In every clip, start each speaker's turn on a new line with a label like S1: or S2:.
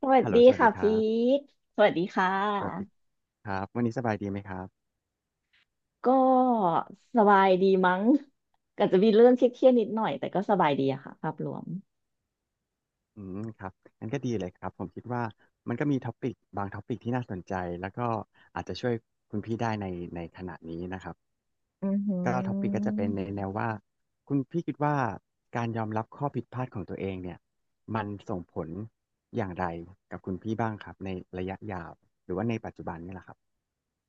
S1: สวัส
S2: ฮัลโหล
S1: ดี
S2: สวัส
S1: ค่ะ
S2: ดีค
S1: พี
S2: รับ
S1: ทสวัสดีค่
S2: สวัสดี
S1: ะ
S2: ครับวันนี้สบายดีไหมครับ
S1: ก็สบายดีมั้ง ก็จะมีเรื่องเครียดๆนิดหน่อยแต่ก็สบายดีอะค่ะภาพรวม
S2: อืมครับงั้นก็ดีเลยครับผมคิดว่ามันก็มีท็อปิกบางท็อปิกที่น่าสนใจ แล้วก็อาจจะช่วยคุณพี่ได้ในขณะนี้นะครับ
S1: อือหื
S2: ก็ท็อปิกก็จะ
S1: อ
S2: เป็นในแนวว่าคุณพี่คิดว่าการยอมรับข้อผิดพลาดของตัวเองเนี่ยมันส่งผลอย่างไรกับคุณพี่บ้างครับในระยะยาวหรือว่าในปัจจุบันนี่แหละครับ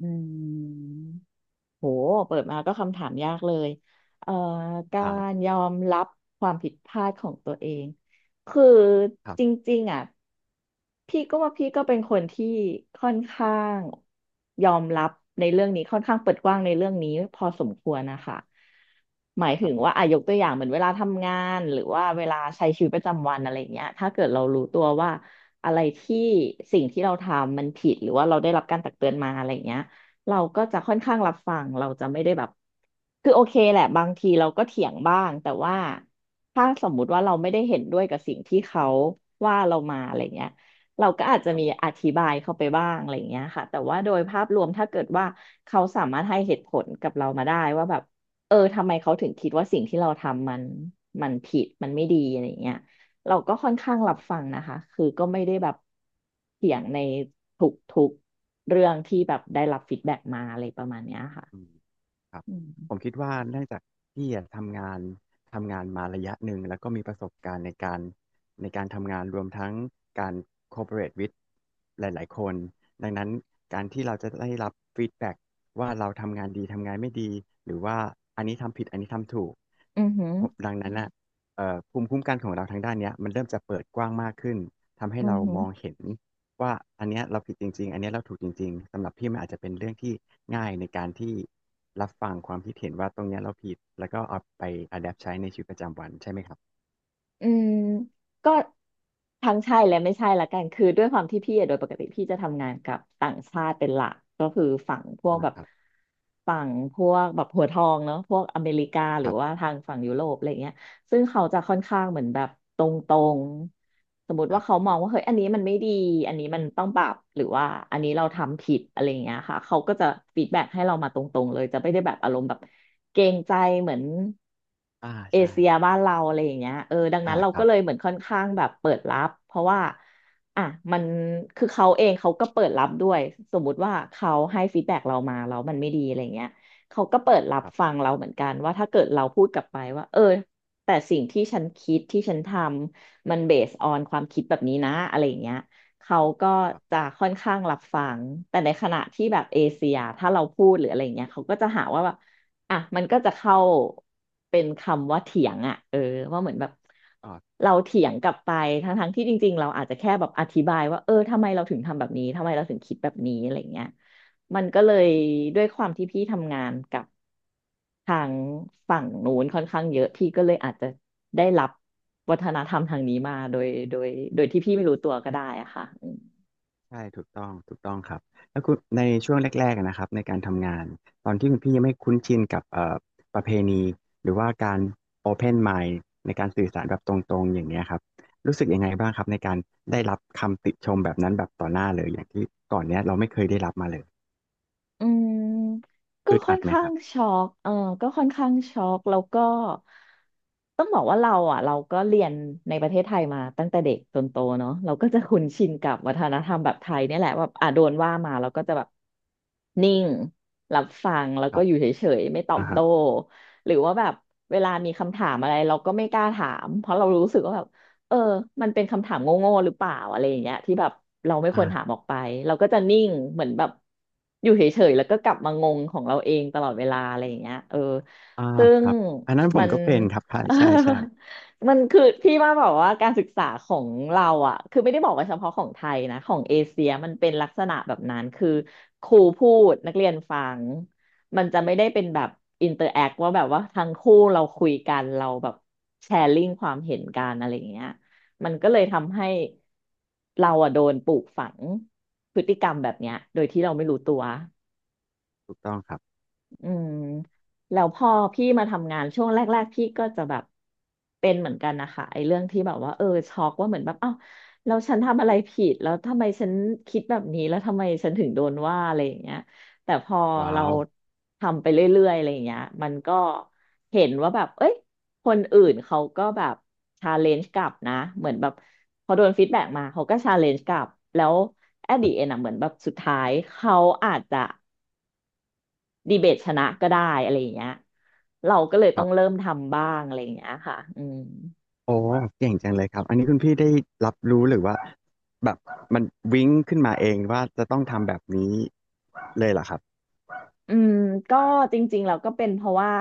S1: อืม โหเปิดมาก็คำถามยากเลยเอ่อกา
S2: ครั
S1: ร
S2: บ
S1: ยอมรับความผิดพลาดของตัวเอง คือ
S2: ครั
S1: จ
S2: บ
S1: ริงๆอ่ะพี่ก็ว่าพี่ก็เป็นคนที่ค่อนข้างยอมรับในเรื่องนี้ค่อนข้างเปิดกว้างในเรื่องนี้พอสมควรนะคะหมาย
S2: ค
S1: ถึ
S2: รับ
S1: ง
S2: ผม
S1: ว่าอ่ะยกตัวอย่างเหมือนเวลาทำงานหรือว่าเวลาใช้ชีวิตประจำวันอะไรอย่างเงี้ยถ้าเกิดเรารู้ตัวว่าอะไรที่สิ่งที่เราทำมันผิดหรือว่าเราได้รับการตักเตือนมาอะไรอย่างเงี้ย เราก็จะค่อนข้างรับฟังเราจะไม่ได้แบบคือโอเคแหละบางทีเราก็เถียงบ้างแต่ว่าถ้าสมมุติว่าเราไม่ได้เห็นด้วยกับสิ่งที่เขาว่าเรามาอะไรเงี้ยเราก็อาจจะ
S2: ครับ
S1: มี
S2: ผ
S1: อ
S2: ม
S1: ธิบายเข้าไปบ้างอะไรเงี้ยค่ะแต่ว่าโดยภาพรวมถ้าเกิดว่าเขาสามารถให้เหตุผลกับเรามาได้ว่าแบบเออทำไมเขาถึงคิดว่าสิ่งที่เราทำมันผิดมันไม่ดีอะไรเงี้ย เราก็ค่อนข้างรับฟังนะคะ คือก็ไม่ได้แบบเถียงในทุกเรื่องที่แบบได้รับฟีดแบ็กมาอะไรประมาณเนี้ยค่ะ
S2: อืมครับ
S1: อื
S2: ผม
S1: ม
S2: คิดว่าเนื่องจากพี่อะทำงานมาระยะหนึ่งแล้วก็มีประสบการณ์ในการการทำงานรวมทั้งการ cooperate with หลายๆคนดังนั้นการที่เราจะได้รับ feedback ว่าเราทำงานดีทำงานไม่ดีหรือว่าอันนี้ทำผิดอันนี้ทำถูก
S1: อือหือ
S2: ผมดังนั้นน่ะภูมิคุ้มกันของเราทางด้านเนี้ยมันเริ่มจะเปิดกว้างมากขึ้นทำให้
S1: อือ
S2: เรา
S1: หือ
S2: มองเห็น ว่าอันเนี้ยเราผิดจริงๆอันเนี้ยเราถูกจริงๆสำหรับพี่มันอาจจะเป็นเรื่องที่ง่ายในการที่รับฟังความคิดเห็นว่าตรงเนี้ยเราผิดแล้วก็เอาไป adapt ใช้ในชีวิตประจำวันใช่ไหมครับ
S1: อืมก็ทั้งใช่และไม่ใช่ละกัน คือด้วยความที่พี่อะโดยปกติพี่จะทำงานกับต่างชาติเป็นหลักก็คือฝั่งพวก
S2: อ่า
S1: แบบ
S2: ครับ
S1: ฝั่งพวกแบบหัวทองเนาะพวกอเมริกาห
S2: ค
S1: รือ
S2: รับ
S1: ว่าทางฝั่งยุโรปอะไรเงี้ยซึ่งเขาจะค่อนข้างเหมือนแบบตรง สมมติ
S2: ค
S1: ว่า
S2: รั
S1: เขา
S2: บ
S1: มองว่าเฮ้ยอันนี้มันไม่ดีอันนี้มันต้องปรับหรือว่าอันนี้เราทำผิดอะไรอย่างเงี้ยค่ะเขาก็จะฟีดแบ็กให้เรามาตรงๆเลยจะไม่ได้แบบอารมณ์แบบเกรงใจเหมือน
S2: อ่า
S1: เอ
S2: ใช่
S1: เชียบ้านเราอะไรอย่างเงี้ยเออดังนั้
S2: อ่า
S1: นเรา
S2: ค
S1: ก็
S2: รับ
S1: เลยเหมือนค่อนข้างแบบเปิดรับเพราะว่าอ่ะมันคือเขาเองเขาก็เปิดรับด้วยสมมุติว่าเขาให้ฟีดแบ็กเรามาแล้วมันไม่ดีอะไรเงี้ยเขาก็เปิดรับ
S2: ครั
S1: ฟั
S2: บ
S1: งเราเหมือนกันว่าถ้าเกิดเราพูดกลับไปว่าเออแต่สิ่งที่ฉันคิดที่ฉันทำ มันเบสออนความคิดแบบนี้นะอะไรอย่างเงี้ยเขาก็
S2: ครั
S1: จะ
S2: บ
S1: ค่อนข้างรับฟังแต่ในขณะที่แบบเอเชียถ้าเราพูดหรืออะไรอย่างเงี้ยเขาก็จะหาว่าแบบอ่ะมันก็จะเข้าเป็นคำว่าเถียงอ่ะเออว่าเหมือนแบบ
S2: อ่า
S1: เราเถียงกลับไปทั้งที่จริงๆเราอาจจะแค่แบบอธิบายว่าเออทำไมเราถึงทำแบบนี้ทำไมเราถึงคิดแบบนี้อะไรอย่างเงี้ย มันก็เลยด้วยความที่พี่ทำงานกับทางฝั่งนู้นค่อนข้างเยอะพี่ก็เลยอาจจะได้รับวัฒนธรรมทางนี้มาโดยที่พี่ไม่รู้ตัวก็ได้อะค่ะ
S2: ใช่ถูกต้องถูกต้องครับแล้วคุณในช่วงแรกๆอะนะครับในการทำงานตอนที่คุณพี่ยังไม่คุ้นชินกับประเพณีหรือว่าการ Open Mind ในการสื่อสารแบบตรงๆอย่างเงี้ยครับรู้สึกยังไงบ้างครับในการได้รับคำติชมแบบนั้นแบบต่อหน้าเลยอย่างที่ก่อนเนี้ยเราไม่เคยได้รับมาเลย
S1: อืมก็
S2: อึด
S1: ค่
S2: อั
S1: อ
S2: ด
S1: น
S2: ไหม
S1: ข้า
S2: ครั
S1: ง
S2: บ
S1: ช็อกเออก็ค่อนข้างช็อกแล้วก็ต้องบอกว่าเราอ่ะเราก็เรียนในประเทศไทยมาตั้งแต่เด็กจนโตเนาะเราก็จะคุ้นชินกับวัฒนธรรมแบบไทยเนี่ยแหละว่าอ่ะโดนว่ามาเราก็จะแบบนิ่งรับฟังแล้ว
S2: ค
S1: ก็
S2: รับ
S1: อยู่เฉยๆไม่ตอบ
S2: อ่าฮะ
S1: โต้หรือว่าแบบเวลามีคำถามอะไรเราก็ไม่กล้าถามเพราะเรารู้สึกว่าแบบ เออมันเป็นคำถามโง่ๆหรือเปล่าอะไรอย่างเงี้ยที่แบบเราไม่ควรถาม
S2: อ่า
S1: ออกไปเราก็จะนิ่งเหมือนแบบอยู่เฉยๆแล้วก็กลับมางงของเราเองตลอดเวลาอะไรอย่างเงี้ยเออ
S2: อ่า
S1: ซึ่
S2: ค
S1: ง
S2: รับอันนั้นผ
S1: มั
S2: ม
S1: น
S2: ก็เป็นครับใช่
S1: เออ
S2: ใช่ใช่
S1: มันคือพี่ว่าแบอกว่าการศึกษาของเราอ่ะคือไม่ได้บอกว่าเฉพาะของไทยนะของเอเชียมันเป็นลักษณะแบบนั้นคือครูพูดนักเรียนฟังมันจะไม่ได้เป็นแบบอินเตอร์แอคว่าแบบว่าทั้งคู่เราคุยกันเราแบบแชร์ลิงความเห็นกันอะไรอย่างเงี้ย มันก็เลยทำให้เราอะโดนปลูกฝังพฤติกรรมแบบเนี้ยโดยที่เราไม่รู้ตัว
S2: ถูกต้องครับ
S1: อืมแล้วพอพี่มาทำงานช่วงแรกๆพี่ก็จะแบบเป็นเหมือนกันนะคะไอ้เรื่องที่แบบว่าช็อกว่าเหมือนแบบเอ้าแล้วฉันทำอะไรผิดแล้วทำไมฉันคิดแบบนี้แล้วทำไมฉันถึงโดนว่าอะไรอย่างเงี้ยแต่พอ
S2: ว้า
S1: เรา
S2: ว
S1: ทำไปเรื่อยๆอะไรอย่างเงี้ยมันก็เห็นว่าแบบเอ้ยคนอื่นเขาก็แบบชาเลนจ์กลับนะเหมือนแบบพอโดนฟีดแบ็กมาเขาก็ชาเลนจ์กลับแล้ว at the end อะเหมือนแบบสุดท้ายเขาอาจจะ ดีเบตชนะก็ได้อะไรอย่างเงี้ยเราก็เลยต้องเริ่มทำบ้างอะไรอย่างเงี้ยค่ะอืม
S2: โอ้เก่งจังเลยครับอันนี้คุณพี่ได้รับรู้หรือว่าแบบมันวิ้งขึ้นมาเองว่าจะต้องทำแบบนี้เลยเหรอครับ
S1: อืมก็จริงๆเราก็เป็นเพราะว่า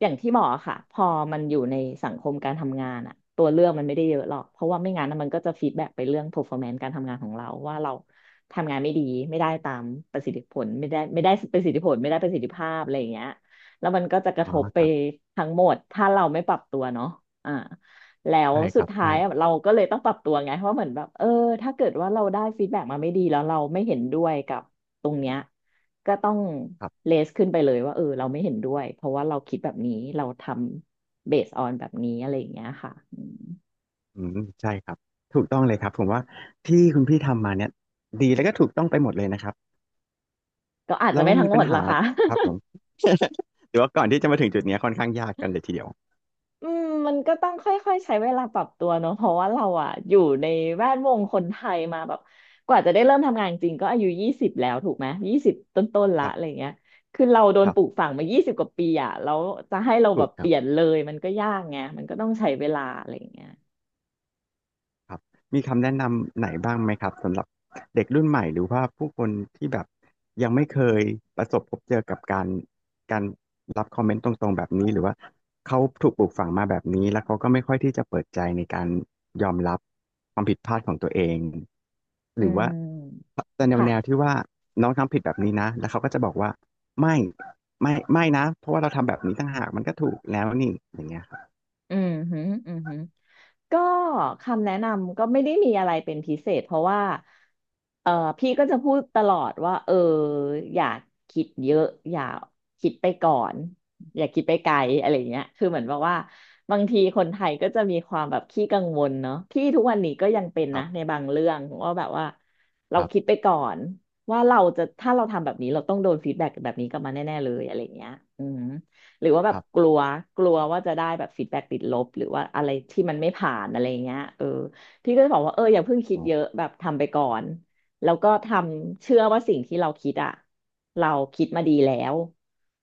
S1: อย่างที่บอกอะค่ะพอมันอยู่ในสังคมการทำงานอะตัวเลือกมันไม่ได้เยอะหรอกเพราะว่าไม่งั้นนะมันก็จะฟีดแบ็กไปเรื่อง performance การทำงานของเราว่าเราทำงานไม่ดีไม่ได้ตามประสิทธิผลไม่ได้ประสิทธิผลไม่ได้ประสิทธิภาพอะไรอย่างเงี้ยแล้วมันก็จะกระ
S2: อ๋
S1: ท
S2: อ
S1: บไป
S2: ครับ
S1: ทั้งหมดถ้าเราไม่ปรับตัวเนาะอ่าแล้ว
S2: ใช่ค
S1: สุ
S2: รั
S1: ด
S2: บ
S1: ท้ายอะ
S2: ใช่
S1: เราก็เลยต้องปรับตัวไงเพราะเหมือนแบบถ้าเกิดว่าเราได้ฟีดแบ็กมาไม่ดีแล้วเราไม่เห็นด้วยกับตรงเนี้ย ก็ต้อง
S2: ครับ
S1: เลสขึ้นไปเลยว่าเราไม่เห็นด้วยเพราะว่าเราคิดแบบนี้เราทำเบสออนแบบนี้อะไรอย่างเงี้ยค่ะอืม
S2: อืมใช่ครับ ถูกต้องเลยครับ ผมว่าที่คุณพี่ทำมาเนี่ยดีแล้วก็ถูกต้องไปหมดเลยนะครับ
S1: ก็อาจจะ
S2: แล้ว
S1: ไม่ทั้
S2: มี
S1: งหม
S2: ปัญ
S1: ด
S2: หา
S1: ละค่ะ
S2: ครับผมหรือว่าก่อนที่จะมาถึงจุดเนี้ยค่อนข้างยากกันเลยทีเดียว
S1: อืมมันก็ต้องค่อยๆใช้เวลาปรับตัวเนอะเพราะว่าเราอะอยู่ในแวดวงคนไทยมาแบบกว่าจะได้เริ่มทำงานจริงก็อายุยี่สิบแล้วถูกไหมยี่สิบต้นๆ
S2: ค
S1: ละ
S2: รั
S1: อะไรอย่า
S2: บ
S1: งเงี้ยคือเราโดน
S2: ครั
S1: ปลู
S2: บ
S1: กฝังมายี่สิบกว่าปีอ่ะแล้วจะให้เราแบ
S2: ถู
S1: บ
S2: กค
S1: เป
S2: รับ
S1: ลี่ยนเลยมันก็ยากไงมันก็ต้องใช้เวลาอะไรอย่างเงี้ย
S2: ครับมีคำแนะนำไหนบ้างไหมครับสำหรับเด็กรุ่นใหม่หรือว่าผู้คนที่แบบยังไม่เคยประสบพบเจอกับการการรับคอมเมนต์ตรงๆแบบนี้หรือว่าเขาถูกปลูกฝังมาแบบนี้แล้วเขาก็ไม่ค่อยที่จะเปิดใจในการยอมรับความผิดพลาดของตัวเองห
S1: อื
S2: รือว่า
S1: ม
S2: จะแนวแนว
S1: ค่ะ
S2: ที่ว่าน้องทำผิดแบบนี้นะแล้วเขาก็จะบอกว่าไม่ไม่นะเพราะว่าเราทำแบบนี้ต่างหากมันก็ถูกแล้วนี่อย่างเงี้ยครับ
S1: อืมฮึอืมฮึ ก็คำแนะนำก็ไม่ได้มีอะไรเป็นพิเศษเพราะว่า เออพี่ก็จะพูดตลอดว่าอย่าคิดเยอะอย่าคิดไปก่อนอย่าคิดไปไกลอะไรเงี้ยคือเหมือนแบบว่าบางทีคนไทยก็จะมีความแบบขี้กังวลเนาะพี่ทุกวันนี้ก็ยังเป็น
S2: ครั
S1: นะใน
S2: บ
S1: บางเรื่องว่าแบบว่าเรา
S2: ครั
S1: คิด
S2: บ
S1: ไปก่อนว่าเราจะถ้าเราทำแบบนี้เราต้องโดนฟีดแบ็กแบบนี้กลับมาแน่ๆเลยอะไรเงี้ยอืมหรือว่าแบ
S2: ค
S1: บ
S2: รั
S1: ก
S2: บ
S1: ลัวกลัวว่าจะได้แบบฟีดแบ็กติดลบหรือว่าอะไรที่มันไม่ผ่านอะไรเงี้ยพี่ก็จะบอกว่าอย่าเพิ่งคิดเยอะแบบทำไปก่อน แล้วก็ทำเชื่อว่าสิ่งที่เราคิดอะเราคิดมาดีแล้ว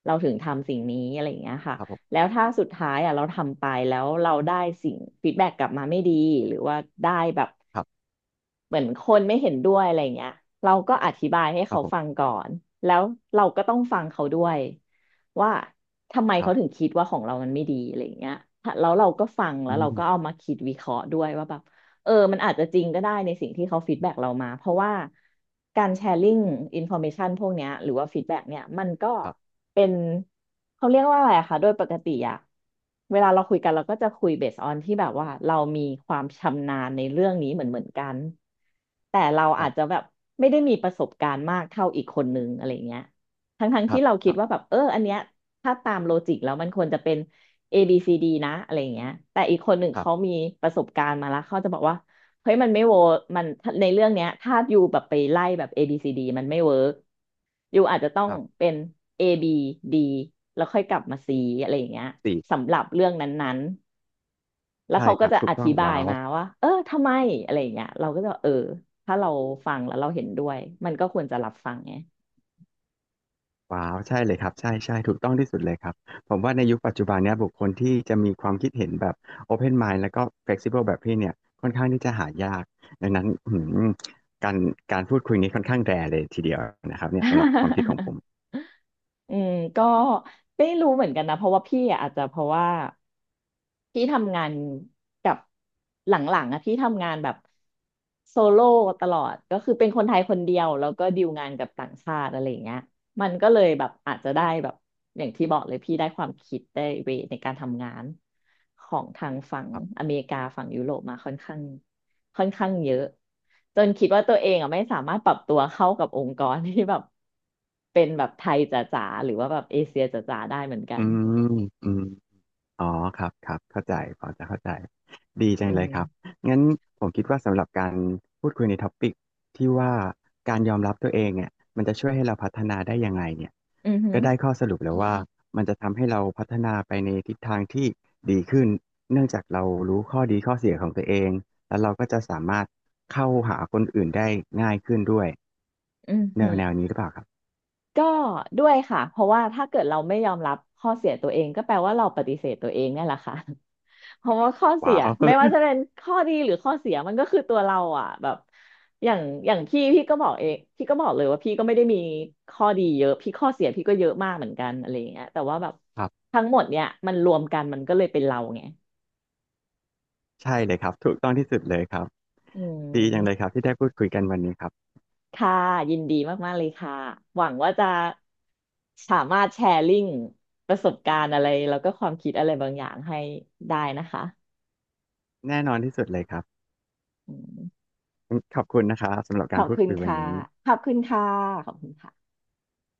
S1: เราถึงทำสิ่งนี้อะไรอย่างเงี้ยค่ะ
S2: ครับผม
S1: แล้วถ้าสุดท้ายอะเราทำไปแล้วเราได้สิ่งฟีดแบ็กกลับมาไม่ดีหรือว่าได้แบบ
S2: ครับ
S1: เหมือนคนไม่เห็นด้วยอะไรเงี้ยเราก็อธิบายให้
S2: ครั
S1: เขา
S2: บผ
S1: ฟัง
S2: ม
S1: ก่อนแล้วเราก็ต้องฟังเขาด้วยว่าทำไม
S2: ครั
S1: เขาถึง
S2: บ
S1: คิดว่าของเรามันไม่ดีอะไรเงี้ยแล้วเราก็ฟังแล้
S2: อื
S1: วเราก็เอา
S2: ม
S1: มาคิดวิเคราะห์ด้วยว่าแบบมันอาจจะจริงก็ได้ในสิ่งที่เขาฟีดแบ็กเรามาเพราะว่าการแชร์ลิงอินฟอร์เมชันพวกเนี้ยหรือว่าฟีดแบ็กเนี่ยมันก็
S2: ครับ
S1: เป็นเขาเรียกว่าอะไรอะคะโดยปกติอะเวลาเราคุยกันเราก็จะคุยเบสออนที่แบบว่าเรามีความชำนาญในเรื่องนี้เหมือนกันแต่เรา
S2: ค
S1: อา
S2: รั
S1: จจะ
S2: บ
S1: แบบไม่ได้มีประสบการณ์มากเท่าอีกคนนึงอะไรเงี้ยทั้ง
S2: ครั
S1: ที่
S2: บ
S1: เรา
S2: ค
S1: คิด
S2: รั
S1: ว่าแบ
S2: บ
S1: บอันเนี้ยถ้าตามโลจิกแล้วมันควรจะเป็น A B C D นะอะไรเงี้ยแต่อีกคนหนึ่ง
S2: ครั
S1: เขา
S2: บ
S1: มีประสบการณ์มาแล้วเขาจะบอกว่า เฮ้ยมันไม่เวิร์กมันในเรื่องเนี้ยถ้าอยู่แบบไปไล่แบบ A B C D มันไม่เวิร์กอยู่อาจจะต้อง
S2: ครับ
S1: เป็น A B D แล้วค่อยกลับมา C อะไรอย่างเงี้ย
S2: สี่
S1: สำหรับเรื่องนั้นๆแล้ว
S2: ใช่
S1: เขา
S2: ค
S1: ก็
S2: รับ
S1: จะ
S2: ถู
S1: อ
S2: กต้อ
S1: ธิ
S2: ง
S1: บาย
S2: ว้าว
S1: มาว่าทำไมอะไรอย่างเงี้ยเราก็จะถ้าเราฟังแล้วเราเห็นด้วยมันก็ควรจะรับฟังไง
S2: ว้าวใช่เลยครับใช่ใช่ถูกต้องที่สุดเลยครับผมว่าในยุคปัจจุบันเนี้ยบุคคลที่จะมีความคิดเห็นแบบ Open Mind แล้วก็ Flexible แบบพี่เนี่ยค่อนข้างที่จะหายากดังนั้นอืมการพูดคุยนี้ค่อนข้างแรร์เลยทีเดียวนะครับเนี่ยสำหรับความคิดของผม
S1: อืมก็ไม่รู้เหมือนกันนะเพราะว่าพี่อะอาจจะเพราะว่า พี่ทำงานกับหลังๆอะพี่ทำงานแบบโซโล่ตลอดก็คือเป็นคนไทยคนเดียวแล้วก็ดีลงานกับต่างชาติอะไรอย่างเงี้ยมันก็เลยแบบอาจจะได้แบบอย่างที่บอกเลยพี่ได้ความคิดได้เวในการทำงานของทางฝั่ง
S2: ครับ
S1: อเมริกาฝั่งยุโรปมาค่อนข้างเยอะจนคิดว่าตัวเองอ่ะไม่สามารถปรับตัวเข้ากับองค์กรที่แบบ เป็นแบบไทยจ๋าๆหรือว่าแบบเอเชียจ๋าๆได้เหมือนกั
S2: อื
S1: น
S2: มอืม อ๋อครับครับเข้าใจพอจะเข้าใจดีจั
S1: อื
S2: งเล
S1: ม
S2: ยครับงั้นผมคิดว่าสำหรับการพูดคุยในท็อปิกที่ว่าการยอมรับตัวเองเนี่ยมันจะช่วยให้เราพัฒนาได้ยังไงเนี่ย
S1: อือหือ
S2: ก็ได้ข้อสรุปแล้วว่ามมันจะทำให้เราพัฒนาไปในทิศทางที่ดีขึ้นเนื่องจากเรารู้ข้อดีข้อเสียของตัวเองแล้วเราก็จะสามารถเข้าหาคนอื่นได้ง่ายขึ้นด้วย
S1: อือ
S2: แน
S1: หื
S2: ว
S1: อ
S2: แนวนี้หรือเปล่าครับ
S1: ก็ด้วยค่ะเพราะว่าถ้าเกิดเราไม่ยอมรับข้อเสียตัวเองก็แปลว่าเราปฏิเสธตัวเองเนี่ยแหละค่ะ เพราะว่าข้อเสี
S2: ว้า
S1: ย
S2: ว
S1: ไม่ว่าจะ เป็นข้อดีหรือข้อเสียมันก็คือตัวเราอ่ะแบบอย่างอย่างพี่ก็บอกเองพี่ก็บอกเลยว่าพี่ก็ไม่ได้มีข้อดีเยอะพี่ข้อเสียพี่ก็เยอะมากเหมือนกันอะไรอย่างเงี้ยแต่ว่าแบบ
S2: ครับ
S1: ทั้งหมดเนี่ยมันรวมกันมันก็เลยเป็นเราไง
S2: ใช่เลยครับถูกต้องที่สุดเลยครับ
S1: อื
S2: ดีจังเลยค
S1: ม
S2: รับที่ได้พูดคุยกันวันนี้ครับ
S1: ค่ะยินดีมากๆเลยค่ะหวังว่าจะสามารถแชร์ลิงก์ประสบการณ์อะไรแล้วก็ความคิดอะไรบางอย่างให้ได้นะคะ
S2: แน่นอนที่สุดเลยครับ
S1: อืม
S2: ขอบคุณนะครับสำหรับ
S1: ข
S2: การ
S1: อบ
S2: พูด
S1: คุณ
S2: คุยวัน
S1: ค่ะ
S2: นี้
S1: ขอบคุณค่ะขอบคุณค่ะ